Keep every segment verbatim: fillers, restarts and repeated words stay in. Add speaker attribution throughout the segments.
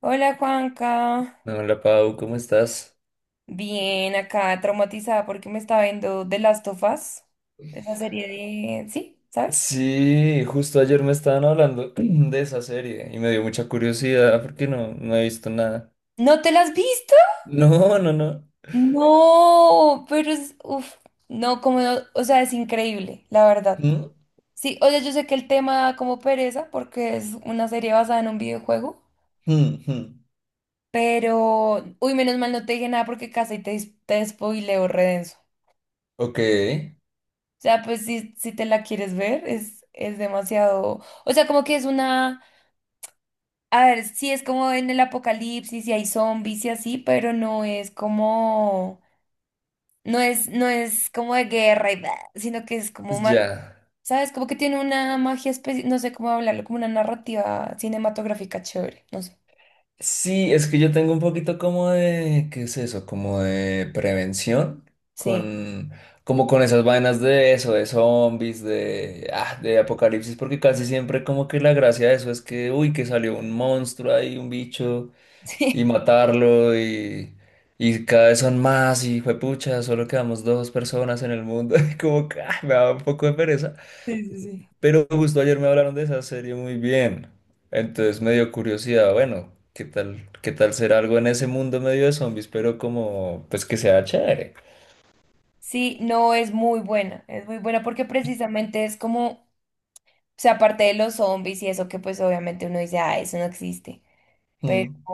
Speaker 1: Hola Juanca,
Speaker 2: Hola Pau, ¿cómo estás?
Speaker 1: bien acá traumatizada porque me estaba viendo The Last of Us, esa serie de... ¿Sí? ¿Sabes?
Speaker 2: Sí, justo ayer me estaban hablando de esa serie y me dio mucha curiosidad porque no, no he visto nada.
Speaker 1: ¿No te la has visto?
Speaker 2: No, no, no.
Speaker 1: No, pero es... Uf, no, como no, o sea, es increíble, la verdad.
Speaker 2: Mm,
Speaker 1: Sí, o sea, yo sé que el tema da como pereza porque es una serie basada en un videojuego,
Speaker 2: mm, mm.
Speaker 1: pero... Uy, menos mal no te dije nada porque casi te, dis- te spoileo redenso.
Speaker 2: Ok,
Speaker 1: O sea, pues si, si te la quieres ver, es, es demasiado... O sea, como que es una... A ver, sí es como en el apocalipsis y hay zombies y así, pero no es como, no es, no es como de guerra y bla, sino que es como más,
Speaker 2: ya.
Speaker 1: ¿sabes? Como que tiene una magia especial, no sé cómo hablarlo, como una narrativa cinematográfica chévere, no sé.
Speaker 2: Sí, es que yo tengo un poquito como de, ¿qué es eso? Como de prevención
Speaker 1: Sí,
Speaker 2: con, como con esas vainas de eso, de zombies, de, ah, de apocalipsis, porque casi siempre como que la gracia de eso es que, uy, que salió un monstruo ahí, un bicho. Y
Speaker 1: sí.
Speaker 2: matarlo y, y cada vez son más y juepucha, solo quedamos dos personas en el mundo. Y como que ah, me da un poco de pereza.
Speaker 1: Sí, sí, sí.
Speaker 2: Pero justo ayer me hablaron de esa serie muy bien. Entonces me dio curiosidad, bueno, ¿qué tal, qué tal será algo en ese mundo medio de zombies? Pero como, pues que sea chévere.
Speaker 1: Sí, no es muy buena, es muy buena porque precisamente es como, o sea, aparte de los zombies y eso que pues obviamente uno dice, ah, eso no existe. Pero
Speaker 2: Mm.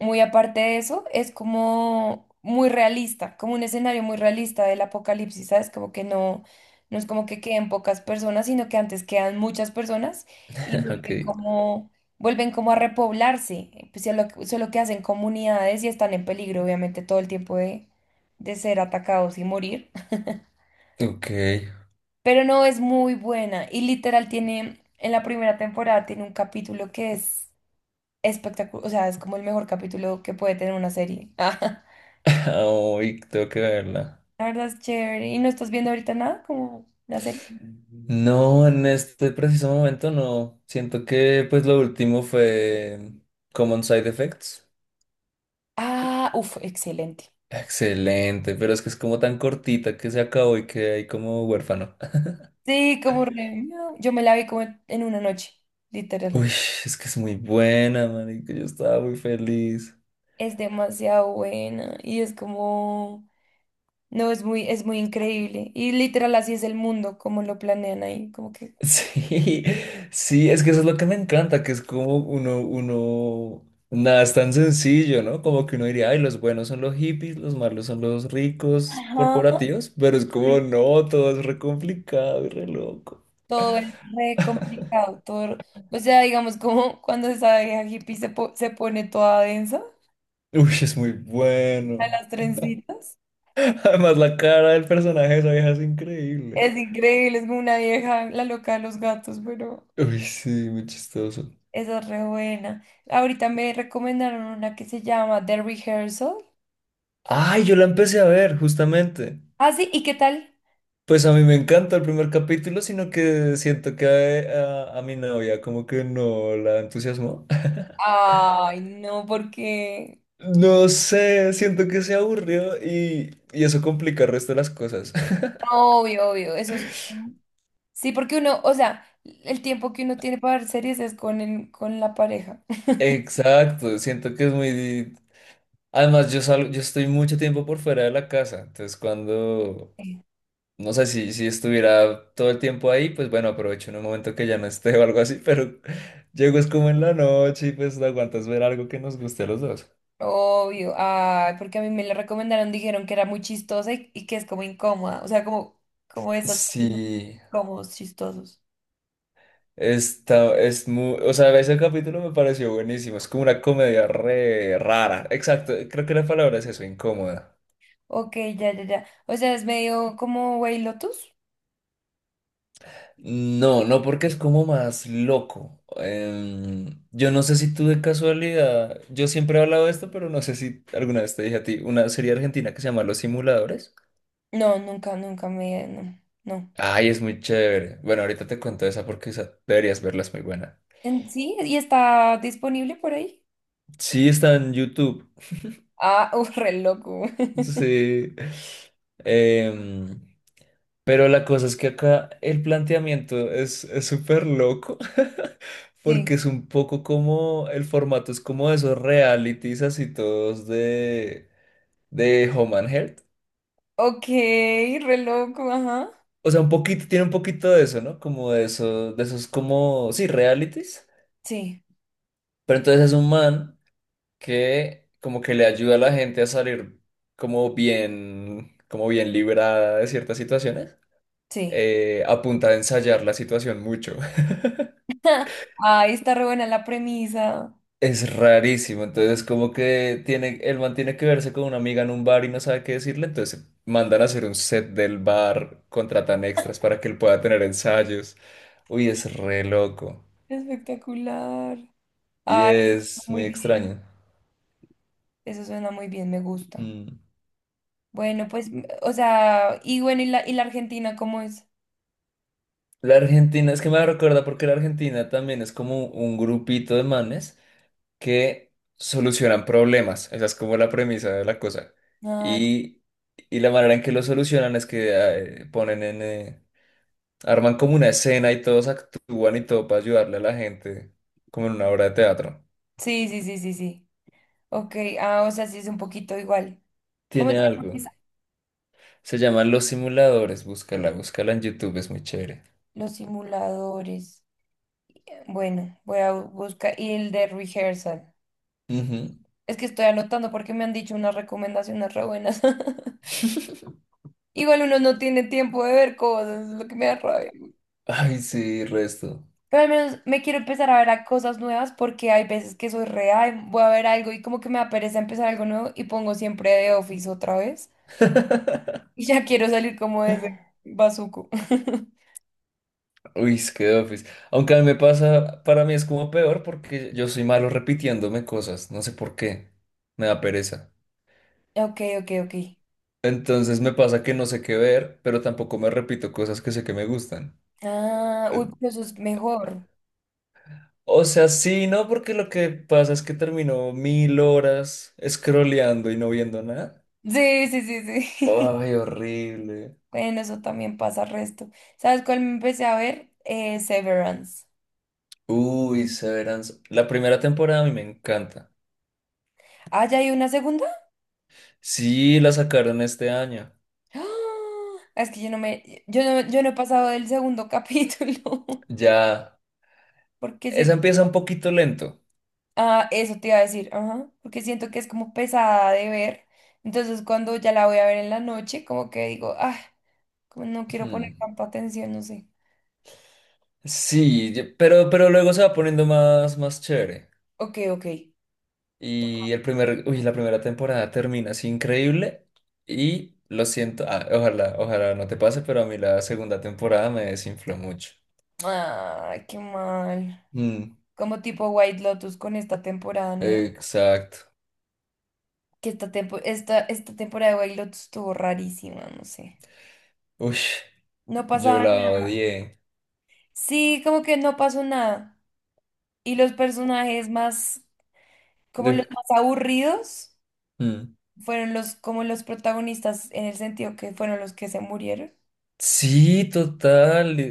Speaker 1: muy aparte de eso, es como muy realista, como un escenario muy realista del apocalipsis, ¿sabes? Como que no, no es como que queden pocas personas, sino que antes quedan muchas personas y
Speaker 2: Ok,
Speaker 1: vuelven como, vuelven como a repoblarse, eh, pues, solo, solo que hacen comunidades y están en peligro, obviamente, todo el tiempo de, de ser atacados y morir.
Speaker 2: ok.
Speaker 1: Pero no es muy buena y literal tiene, en la primera temporada tiene un capítulo que es espectacular, o sea, es como el mejor capítulo que puede tener una serie.
Speaker 2: Uy, tengo que verla.
Speaker 1: Ah, la verdad es chévere. ¿Y no estás viendo ahorita nada como una serie?
Speaker 2: No, en este preciso momento no. Siento que pues lo último fue mm, Common Side Effects.
Speaker 1: Ah, uff, excelente.
Speaker 2: Excelente, pero es que es como tan cortita que se acabó y que hay como huérfano.
Speaker 1: Sí, como re- no, yo me la vi como en una noche, literal.
Speaker 2: Uy, es que es muy buena, marica, yo estaba muy feliz.
Speaker 1: Es demasiado buena y es como, no, es muy, es muy increíble. Y literal así es el mundo, como lo planean ahí, como que...
Speaker 2: Sí, sí, es que eso es lo que me encanta, que es como uno, uno, nada, es tan sencillo, ¿no? Como que uno diría, ay, los buenos son los hippies, los malos son los ricos
Speaker 1: Ajá.
Speaker 2: corporativos, pero es como, no, todo es re complicado y re loco.
Speaker 1: Todo es re complicado, todo, o sea, digamos, como cuando esa vieja hippie se, po- se pone toda densa
Speaker 2: Uy, es muy
Speaker 1: a
Speaker 2: bueno.
Speaker 1: las trencitas.
Speaker 2: Además, la cara del personaje de esa vieja es increíble.
Speaker 1: Es increíble, es como una vieja, la loca de los gatos, pero
Speaker 2: Uy, sí, muy chistoso.
Speaker 1: esa es re buena. Ahorita me recomendaron una que se llama The Rehearsal.
Speaker 2: Ay, yo la empecé a ver, justamente.
Speaker 1: Ah, sí, ¿y qué tal?
Speaker 2: Pues a mí me encanta el primer capítulo, sino que siento que a, a- a mi novia como que no la entusiasmó.
Speaker 1: Ay, no, porque...
Speaker 2: No sé, siento que se aburrió y, y eso complica el resto de las cosas.
Speaker 1: Obvio, obvio, eso es... como- Sí, porque uno, o sea, el tiempo que uno tiene para ver series es con el, con la pareja.
Speaker 2: Exacto, siento que es muy... di- Además, yo salgo, yo estoy mucho tiempo por fuera de la casa, entonces cuando
Speaker 1: Sí.
Speaker 2: no sé si, si estuviera todo el tiempo ahí, pues bueno, aprovecho en un momento que ya no esté o algo así, pero llego es como en la noche y pues no aguantas ver algo que nos guste a los dos.
Speaker 1: Obvio, ay, porque a mí me la recomendaron, dijeron que era muy chistosa y, y que es como incómoda, o sea, como, como esos personajes
Speaker 2: Sí,
Speaker 1: incómodos, chistosos.
Speaker 2: está, es muy, o sea, ese capítulo me pareció buenísimo, es como una comedia re rara, exacto, creo que la palabra es eso, incómoda.
Speaker 1: Ok, ya, ya, ya. O sea, es medio como White Lotus.
Speaker 2: No, no, porque es como más loco. Em, yo no sé si tú de casualidad, yo siempre he hablado de esto, pero no sé si alguna vez te dije a ti, una serie argentina que se llama Los Simuladores.
Speaker 1: No, nunca, nunca me, no, no.
Speaker 2: Ay, es muy chévere. Bueno, ahorita te cuento esa porque esa deberías verla, es muy buena.
Speaker 1: En- Sí, y está disponible por ahí.
Speaker 2: Sí, está en YouTube.
Speaker 1: Ah, uh, re loco.
Speaker 2: Sí. Em, pero la cosa es que acá el planteamiento es es súper loco.
Speaker 1: Sí.
Speaker 2: Porque es un poco como el formato es como de esos realities así todos de, de Home and Health.
Speaker 1: Ok, re loco, ajá.
Speaker 2: O sea, un poquito, tiene un poquito de eso, ¿no? Como de eso, de esos como, sí, realities.
Speaker 1: Sí,
Speaker 2: Pero entonces es un man que como que le ayuda a la gente a salir como bien, como bien librada de ciertas situaciones,
Speaker 1: sí.
Speaker 2: eh, a punta de ensayar la situación mucho.
Speaker 1: Ay, está re buena la premisa.
Speaker 2: Es rarísimo, entonces como que tiene, el man tiene que verse con una amiga en un bar y no sabe qué decirle, entonces mandan a hacer un set del bar, contratan extras para que él pueda tener ensayos. Uy, es re loco
Speaker 1: Espectacular.
Speaker 2: y
Speaker 1: Ay, eso suena
Speaker 2: es
Speaker 1: muy
Speaker 2: muy
Speaker 1: bien.
Speaker 2: extraño.
Speaker 1: Eso suena muy bien, me gusta.
Speaker 2: Mm.
Speaker 1: Bueno, pues, m- o sea, y bueno, ¿y la, y la Argentina cómo es?
Speaker 2: La Argentina, es que me recuerda porque la Argentina también es como un grupito de manes que solucionan problemas. Esa es como la premisa de la cosa.
Speaker 1: Ah,
Speaker 2: Y, y la manera en que lo solucionan es que eh, ponen en... eh, arman como una escena y todos actúan y todo para ayudarle a la gente, como en una obra de teatro.
Speaker 1: sí, sí, sí, sí, sí. Ok, ah, o sea, sí es un poquito igual. ¿Cómo
Speaker 2: Tiene
Speaker 1: te
Speaker 2: algo.
Speaker 1: llamas?
Speaker 2: Se llaman Los Simuladores. Búscala, búscala en YouTube, es muy chévere.
Speaker 1: Los Simuladores. Bueno, voy a buscar. Y el de Rehearsal.
Speaker 2: Ujú.
Speaker 1: Es que estoy anotando porque me han dicho unas recomendaciones re buenas. Igual uno no tiene tiempo de ver cosas, es lo que me da rabia.
Speaker 2: Ay, sí, resto.
Speaker 1: Pero al menos me quiero empezar a ver a cosas nuevas porque hay veces que soy real, voy a ver algo y como que me da pereza empezar algo nuevo y pongo siempre de Office otra vez. Y ya quiero salir como de ese bazuco.
Speaker 2: Uy, es que The Office. Aunque a mí me pasa, para mí es como peor porque yo soy malo repitiéndome cosas, no sé por qué, me da pereza.
Speaker 1: Ok, ok, ok.
Speaker 2: Entonces me pasa que no sé qué ver, pero tampoco me repito cosas que sé que me gustan.
Speaker 1: Ah, uy,
Speaker 2: Eh,
Speaker 1: pero eso es mejor.
Speaker 2: O sea, sí, no, porque lo que pasa es que termino mil horas scrolleando y no viendo nada.
Speaker 1: Sí, sí, sí, sí.
Speaker 2: Ay, horrible.
Speaker 1: Bueno, eso también pasa resto. ¿Sabes cuál me empecé a ver? Eh, Severance.
Speaker 2: Uy, Severance. La primera temporada a mí me encanta.
Speaker 1: Ah, ¿ya hay una segunda?
Speaker 2: Sí, la sacaron este año.
Speaker 1: ¡Ah! Es que yo no me, yo no, yo no he pasado del segundo capítulo.
Speaker 2: Ya,
Speaker 1: Porque
Speaker 2: esa
Speaker 1: siento,
Speaker 2: empieza un poquito lento.
Speaker 1: ah, eso te iba a decir, ajá, porque siento que es como pesada de ver. Entonces, cuando ya la voy a ver en la noche, como que digo, ah, como no quiero poner
Speaker 2: Hmm.
Speaker 1: tanta atención, no sé.
Speaker 2: Sí, yo- pero, pero luego se va poniendo más, más chévere.
Speaker 1: Ok, ok.
Speaker 2: Y el primer, uy, la primera temporada termina así increíble. Y lo siento, ah, ojalá, ojalá no te pase, pero a mí la segunda temporada me desinfló mucho.
Speaker 1: Ay, qué mal.
Speaker 2: Mm,
Speaker 1: Como tipo White Lotus con esta temporada nueva.
Speaker 2: exacto.
Speaker 1: Que esta, tempo- esta, esta temporada de White Lotus estuvo rarísima, no sé.
Speaker 2: Uy,
Speaker 1: No
Speaker 2: yo
Speaker 1: pasaba.
Speaker 2: la odié.
Speaker 1: Sí, como que no pasó nada. Y los personajes más, como los
Speaker 2: Uf,
Speaker 1: más aburridos,
Speaker 2: mm.
Speaker 1: fueron los, como los protagonistas en el sentido que fueron los que se murieron.
Speaker 2: Sí, total. Y,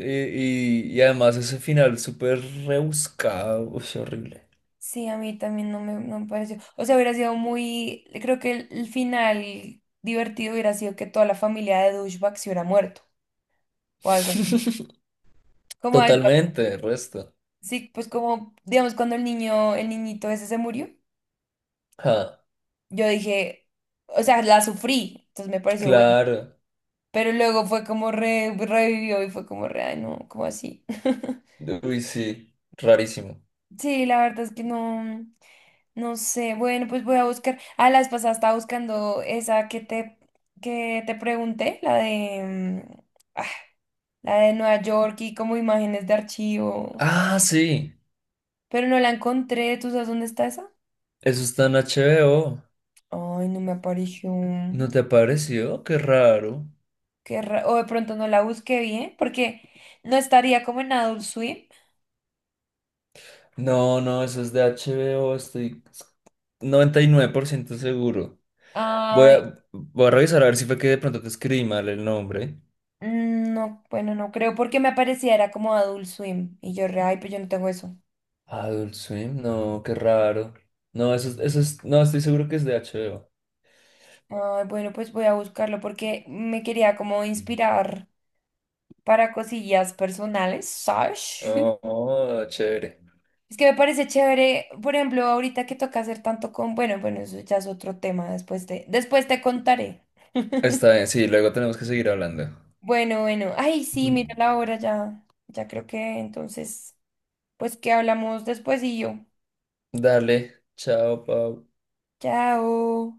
Speaker 2: y- y además ese final súper rebuscado. Uy, horrible.
Speaker 1: Sí, a mí también no me, no me pareció. O sea, hubiera sido muy. Creo que el, el final divertido hubiera sido que toda la familia de Douchebag se hubiera muerto o algo así. Como algo
Speaker 2: Totalmente, el resto.
Speaker 1: sí, pues como, digamos, cuando el niño, el niñito ese se murió,
Speaker 2: Ah,
Speaker 1: yo dije, o sea, la sufrí, entonces me pareció bueno.
Speaker 2: claro.
Speaker 1: Pero luego fue como re- revivió y fue como re, ay, no, como así.
Speaker 2: Uy, sí, rarísimo.
Speaker 1: Sí, la verdad es que no, no sé. Bueno, pues voy a buscar. Ah, la vez pasada estaba buscando esa que te, que te pregunté, la de, mm, ah, la de Nueva York y como imágenes de archivo.
Speaker 2: Ah, sí,
Speaker 1: Pero no la encontré. ¿Tú sabes dónde está esa?
Speaker 2: eso está en H B O.
Speaker 1: Ay, no me apareció.
Speaker 2: ¿No te apareció? Qué raro.
Speaker 1: Qué ra- o de pronto no la busqué bien, porque no estaría como en Adult Swim.
Speaker 2: No, no, eso es de H B O, estoy noventa y nueve por ciento seguro. Voy
Speaker 1: Ay,
Speaker 2: a, voy a revisar a ver si fue que de pronto te escribí mal el nombre.
Speaker 1: no, bueno, no creo, porque me aparecía era como Adult Swim. Y yo, re, ay, pues yo no tengo eso.
Speaker 2: Adult Swim, no, qué raro. No, eso es, eso es, no, estoy seguro que es de H B O.
Speaker 1: Ay, bueno, pues voy a buscarlo porque me quería como inspirar para cosillas personales, ¿sabes?
Speaker 2: Oh, oh, chévere.
Speaker 1: Es que me parece chévere, por ejemplo, ahorita que toca hacer tanto con, bueno, bueno, eso ya es otro tema, después te, después te contaré.
Speaker 2: Está bien, sí, luego tenemos que seguir hablando.
Speaker 1: Bueno, bueno, ay, sí, mira la hora ya, ya creo que entonces... Pues que hablamos después y yo.
Speaker 2: Dale, chao, Pau.
Speaker 1: Chao.